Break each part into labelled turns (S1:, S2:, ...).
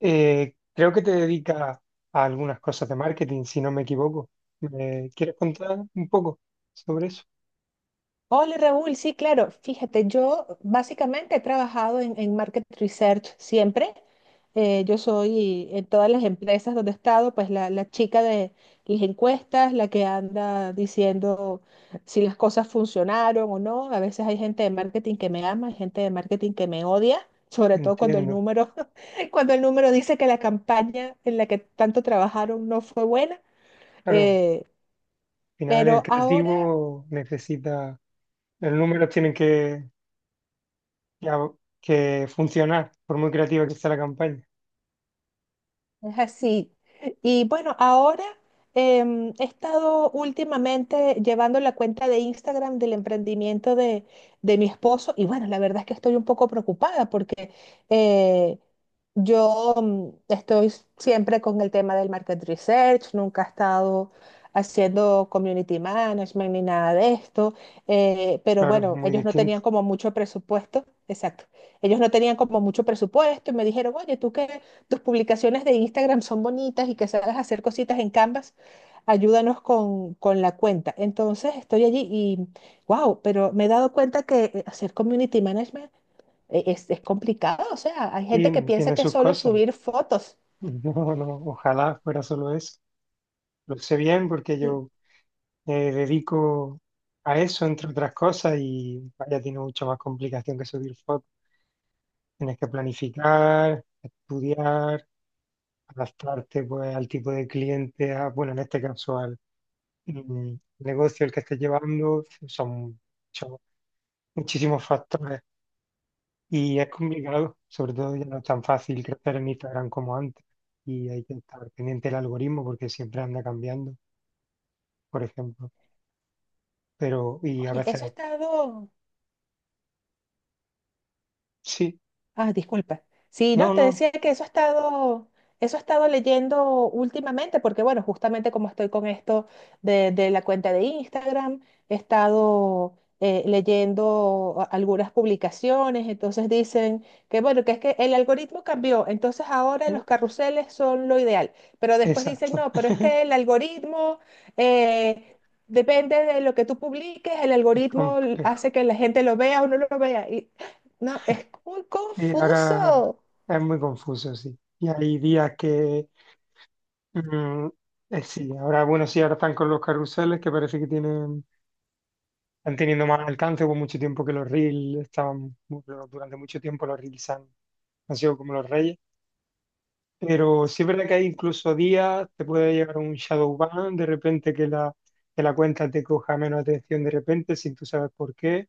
S1: Creo que te dedicas a algunas cosas de marketing, si no me equivoco. ¿Me quieres contar un poco sobre eso?
S2: Hola Raúl, sí, claro. Fíjate, yo básicamente he trabajado en market research siempre. Yo soy en todas las empresas donde he estado, pues la chica de las encuestas, la que anda diciendo si las cosas funcionaron o no. A veces hay gente de marketing que me ama, hay gente de marketing que me odia, sobre todo cuando el
S1: Entiendo.
S2: número, cuando el número dice que la campaña en la que tanto trabajaron no fue buena.
S1: Claro, al
S2: Eh,
S1: final el
S2: pero ahora.
S1: creativo necesita, los números tienen que funcionar, por muy creativa que sea la campaña.
S2: Es así. Y bueno, ahora he estado últimamente llevando la cuenta de Instagram del emprendimiento de mi esposo y bueno, la verdad es que estoy un poco preocupada porque. Eh, yo estoy siempre con el tema del market research, nunca he estado haciendo community management ni nada de esto, pero
S1: Claro,
S2: bueno,
S1: muy
S2: ellos no tenían
S1: distinto.
S2: como mucho presupuesto, exacto, ellos no tenían como mucho presupuesto y me dijeron, oye, tú que tus publicaciones de Instagram son bonitas y que sabes hacer cositas en Canvas, ayúdanos con la cuenta. Entonces estoy allí y, wow, pero me he dado cuenta que hacer community management es complicado, o sea, hay gente que
S1: Y
S2: piensa
S1: tiene
S2: que es
S1: sus
S2: solo
S1: cosas.
S2: subir fotos.
S1: No, no, ojalá fuera solo eso. Lo sé bien porque
S2: Y,
S1: yo me dedico a eso, entre otras cosas, y vaya, tiene mucha más complicación que subir fotos. Tienes que planificar, estudiar, adaptarte pues, al tipo de cliente, bueno, en este caso al mm, negocio el que estés llevando, son mucho- muchísimos factores y es complicado, sobre todo ya no es tan fácil crecer en Instagram como antes y hay que estar pendiente del algoritmo porque siempre anda cambiando, por ejemplo. Pero y a
S2: Oye,
S1: veces
S2: eso es todo.
S1: sí,
S2: Ah, disculpa. Sí, no,
S1: no,
S2: te
S1: no,
S2: decía que eso ha estado, eso he estado leyendo últimamente, porque bueno, justamente como estoy con esto de la cuenta de Instagram, he estado leyendo algunas publicaciones, entonces dicen que bueno, que es que el algoritmo cambió, entonces ahora
S1: eh,
S2: los carruseles son lo ideal, pero después dicen,
S1: exacto,
S2: no, pero es que el algoritmo, eh, depende de lo que tú publiques, el
S1: es
S2: algoritmo
S1: complejo.
S2: hace que la gente lo vea o no lo vea. No, es muy
S1: Sí, ahora
S2: confuso.
S1: es muy confuso, sí. Y hay días que Mm, sí, ahora, bueno, sí, ahora están con los carruseles que parece que tienen, están teniendo más alcance. Hubo mucho tiempo que los reels durante mucho tiempo los reels han sido como los reyes. Pero sí es verdad que hay incluso días, te puede llegar un shadow ban, de repente que la cuenta te coja menos atención de repente, sin tú sabes por qué.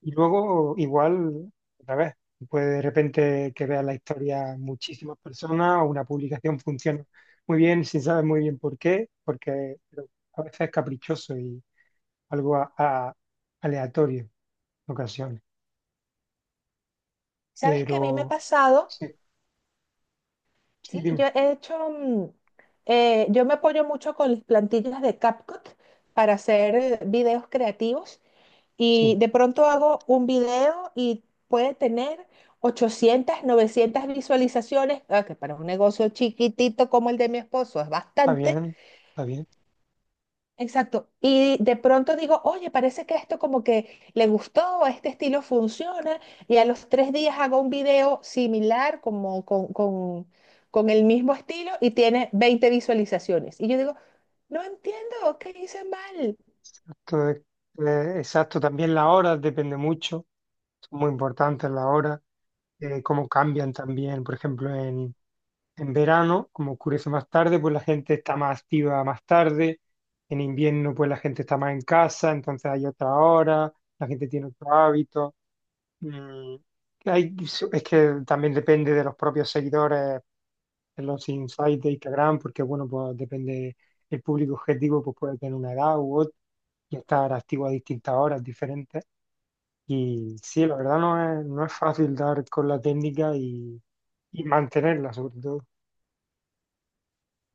S1: Y luego, igual, otra vez, pues de repente que veas la historia muchísimas personas o una publicación funciona muy bien sin saber muy bien por qué, porque pero a veces es caprichoso y algo aleatorio en ocasiones.
S2: ¿Sabes qué a mí me ha
S1: Pero
S2: pasado?
S1: sí, sí,
S2: Sí,
S1: dime,
S2: yo he hecho, mm, yo me apoyo mucho con las plantillas de CapCut para hacer videos creativos y
S1: sí,
S2: de pronto hago un video y puede tener 800, 900 visualizaciones, ah, que para un negocio chiquitito como el de mi esposo es
S1: está
S2: bastante.
S1: bien, está bien.
S2: Exacto. Y de pronto digo, oye, parece que esto como que le gustó, este estilo funciona, y a los 3 días hago un video similar, como con el mismo estilo, y tiene 20 visualizaciones. Y yo digo, no entiendo, ¿qué hice mal?
S1: Exacto, exacto. También las horas depende mucho, son muy importantes las horas, cómo cambian también, por ejemplo, en, verano, como oscurece más tarde, pues la gente está más activa más tarde, en invierno pues la gente está más en casa, entonces hay otra hora, la gente tiene otro hábito. Mm, hay- es que también depende de los propios seguidores, de los insights de Instagram, porque bueno, pues depende el público objetivo pues, puede tener una edad u otra y estar activo a distintas horas diferentes. Y sí, la verdad no es fácil dar con la técnica y mantenerla, sobre todo,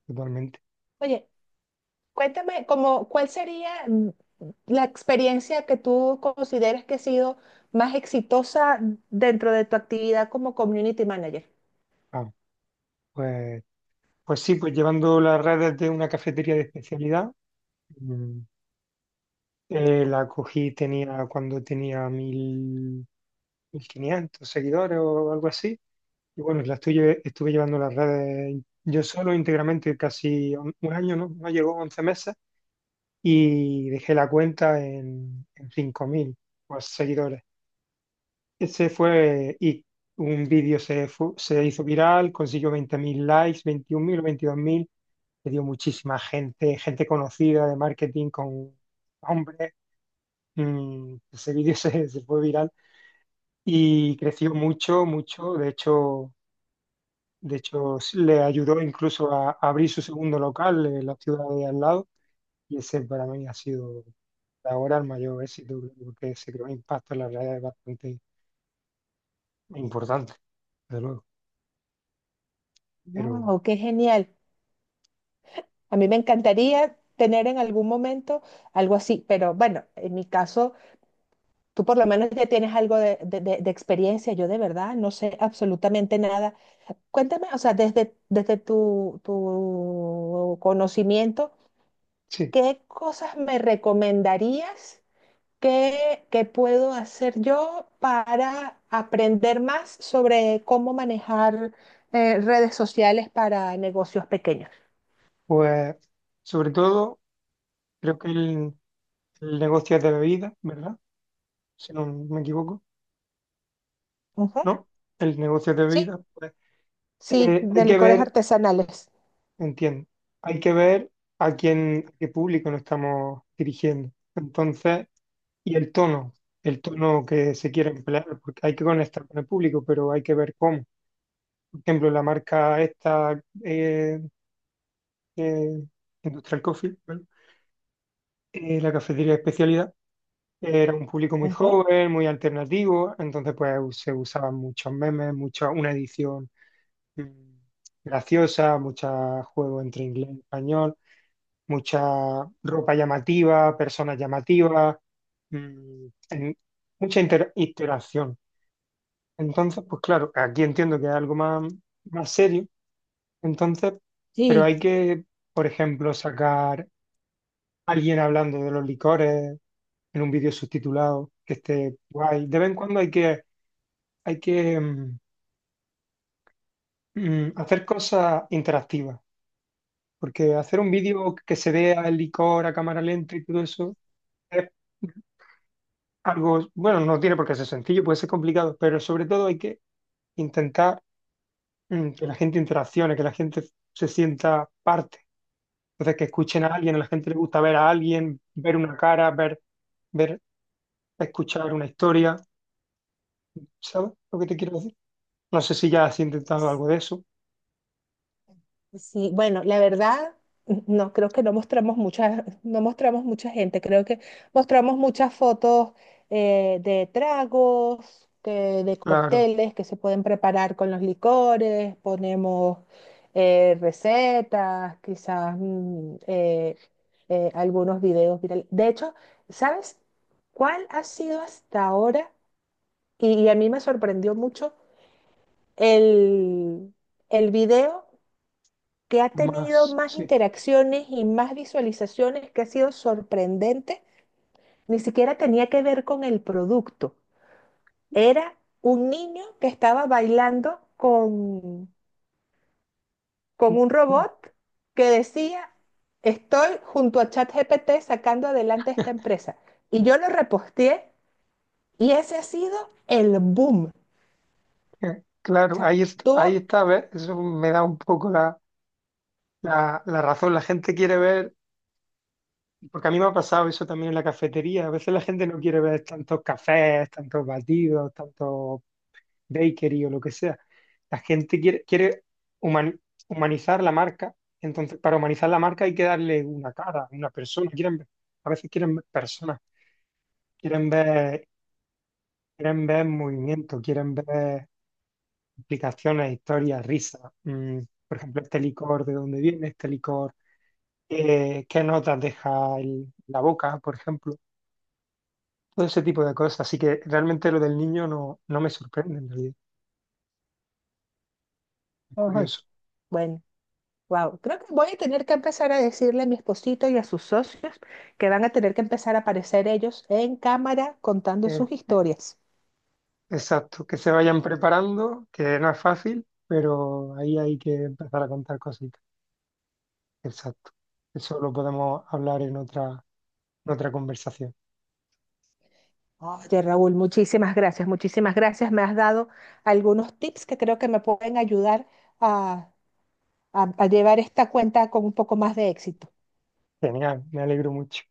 S1: totalmente.
S2: Oye, cuéntame, como, ¿cuál sería la experiencia que tú consideres que ha sido más exitosa dentro de tu actividad como community manager?
S1: Ah, pues, pues sí, pues llevando las redes de una cafetería de especialidad, mm, cuando tenía mil 1500 seguidores o algo así. Y bueno, estuve llevando las redes yo solo íntegramente casi un año, ¿no? No llegó 11 meses. Y dejé la cuenta en 5000 pues, seguidores. Ese fue, y un vídeo se hizo viral, consiguió 20.000 likes, 21.000 o 22.000 le dio muchísima gente, gente conocida de marketing con hombres. Ese vídeo se fue viral y creció mucho, mucho. De hecho sí, le ayudó incluso a abrir su segundo local en la ciudad de al lado. Y ese para mí ha sido ahora el mayor éxito, porque se creó un impacto en la realidad es bastante importante, desde luego. Pero
S2: Wow, qué genial. A mí me encantaría tener en algún momento algo así, pero bueno, en mi caso, tú por lo menos ya tienes algo de experiencia, yo de verdad no sé absolutamente nada. Cuéntame, o sea, desde tu conocimiento,
S1: sí,
S2: ¿qué cosas me recomendarías, que puedo hacer yo para aprender más sobre cómo manejar redes sociales para negocios pequeños?
S1: pues sobre todo creo que el negocio de bebidas, ¿verdad? Si no me equivoco,
S2: Ujú.
S1: ¿no? El negocio de
S2: Sí.
S1: bebidas, pues
S2: Sí,
S1: hay
S2: de
S1: que
S2: licores
S1: ver,
S2: artesanales.
S1: entiendo, hay que ver a quién, a qué público nos estamos dirigiendo. Entonces, y el tono que se quiere emplear, porque hay que conectar con el público, pero hay que ver cómo. Por ejemplo, la marca esta, eh, Industrial Coffee, ¿vale? La cafetería de especialidad. Era un público muy
S2: Ujú.
S1: joven, muy alternativo, entonces pues se usaban muchos memes, una edición mm, graciosa, muchos juegos entre inglés y español, mucha ropa llamativa, personas llamativas, mm, en- mucha interacción. Entonces, pues claro, aquí entiendo que es algo más, más serio, entonces, pero
S2: Sí,
S1: hay que, por ejemplo, sacar alguien hablando de los licores en un vídeo subtitulado que esté guay. De vez en cuando hay que hacer cosas interactivas, porque hacer un vídeo que se vea el licor a cámara lenta y todo eso es algo, bueno, no tiene por qué ser sencillo, puede ser complicado, pero sobre todo hay que intentar que la gente interaccione, que la gente se sienta parte. Entonces, que escuchen a alguien, a la gente le gusta ver a alguien, ver una cara, ver, escuchar una historia. ¿Sabes lo que te quiero decir? No sé si ya has intentado algo de eso.
S2: sí. Bueno, la verdad, no creo que no mostramos mucha gente. Creo que mostramos muchas fotos de tragos, de
S1: Claro,
S2: cócteles que se pueden preparar con los licores. Ponemos recetas, quizás algunos videos virales. De hecho, ¿sabes cuál ha sido hasta ahora? Y a mí me sorprendió mucho. el, el video que ha tenido
S1: más,
S2: más
S1: sí.
S2: interacciones y más visualizaciones, que ha sido sorprendente, ni siquiera tenía que ver con el producto. Era un niño que estaba bailando con,
S1: Mm,
S2: con un
S1: mm,
S2: robot que decía, estoy junto a ChatGPT sacando adelante esta empresa. Y yo lo reposteé y ese ha sido el boom. O
S1: Claro,
S2: sea,
S1: ahí
S2: tuvo.
S1: está, ¿ves? Eso me da un poco la razón. La gente quiere ver. Porque a mí me ha pasado eso también en la cafetería. A veces la gente no quiere ver tantos cafés, tantos batidos, tantos bakery o lo que sea. La gente quiere humani- humanizar la marca. Entonces, para humanizar la marca hay que darle una cara, una persona. A veces quieren ver personas, quieren ver, quieren ver movimiento, quieren ver explicaciones, historias, risas. Por ejemplo, este licor, ¿de dónde viene este licor? ¿Qué notas deja la boca, por ejemplo? Todo ese tipo de cosas. Así que realmente lo del niño no, no me sorprende en realidad. Es
S2: Ay,
S1: curioso.
S2: bueno, wow, creo que voy a tener que empezar a decirle a mi esposito y a sus socios que van a tener que empezar a aparecer ellos en cámara contando
S1: Eh,
S2: sus
S1: eh,
S2: historias.
S1: exacto, que se vayan preparando, que no es fácil, pero ahí hay que empezar a contar cositas. Exacto. Eso lo podemos hablar en otra, conversación.
S2: Oye, Raúl, muchísimas gracias, muchísimas gracias. Me has dado algunos tips que creo que me pueden ayudar a, a llevar esta cuenta con un poco más de éxito.
S1: Genial, me alegro mucho.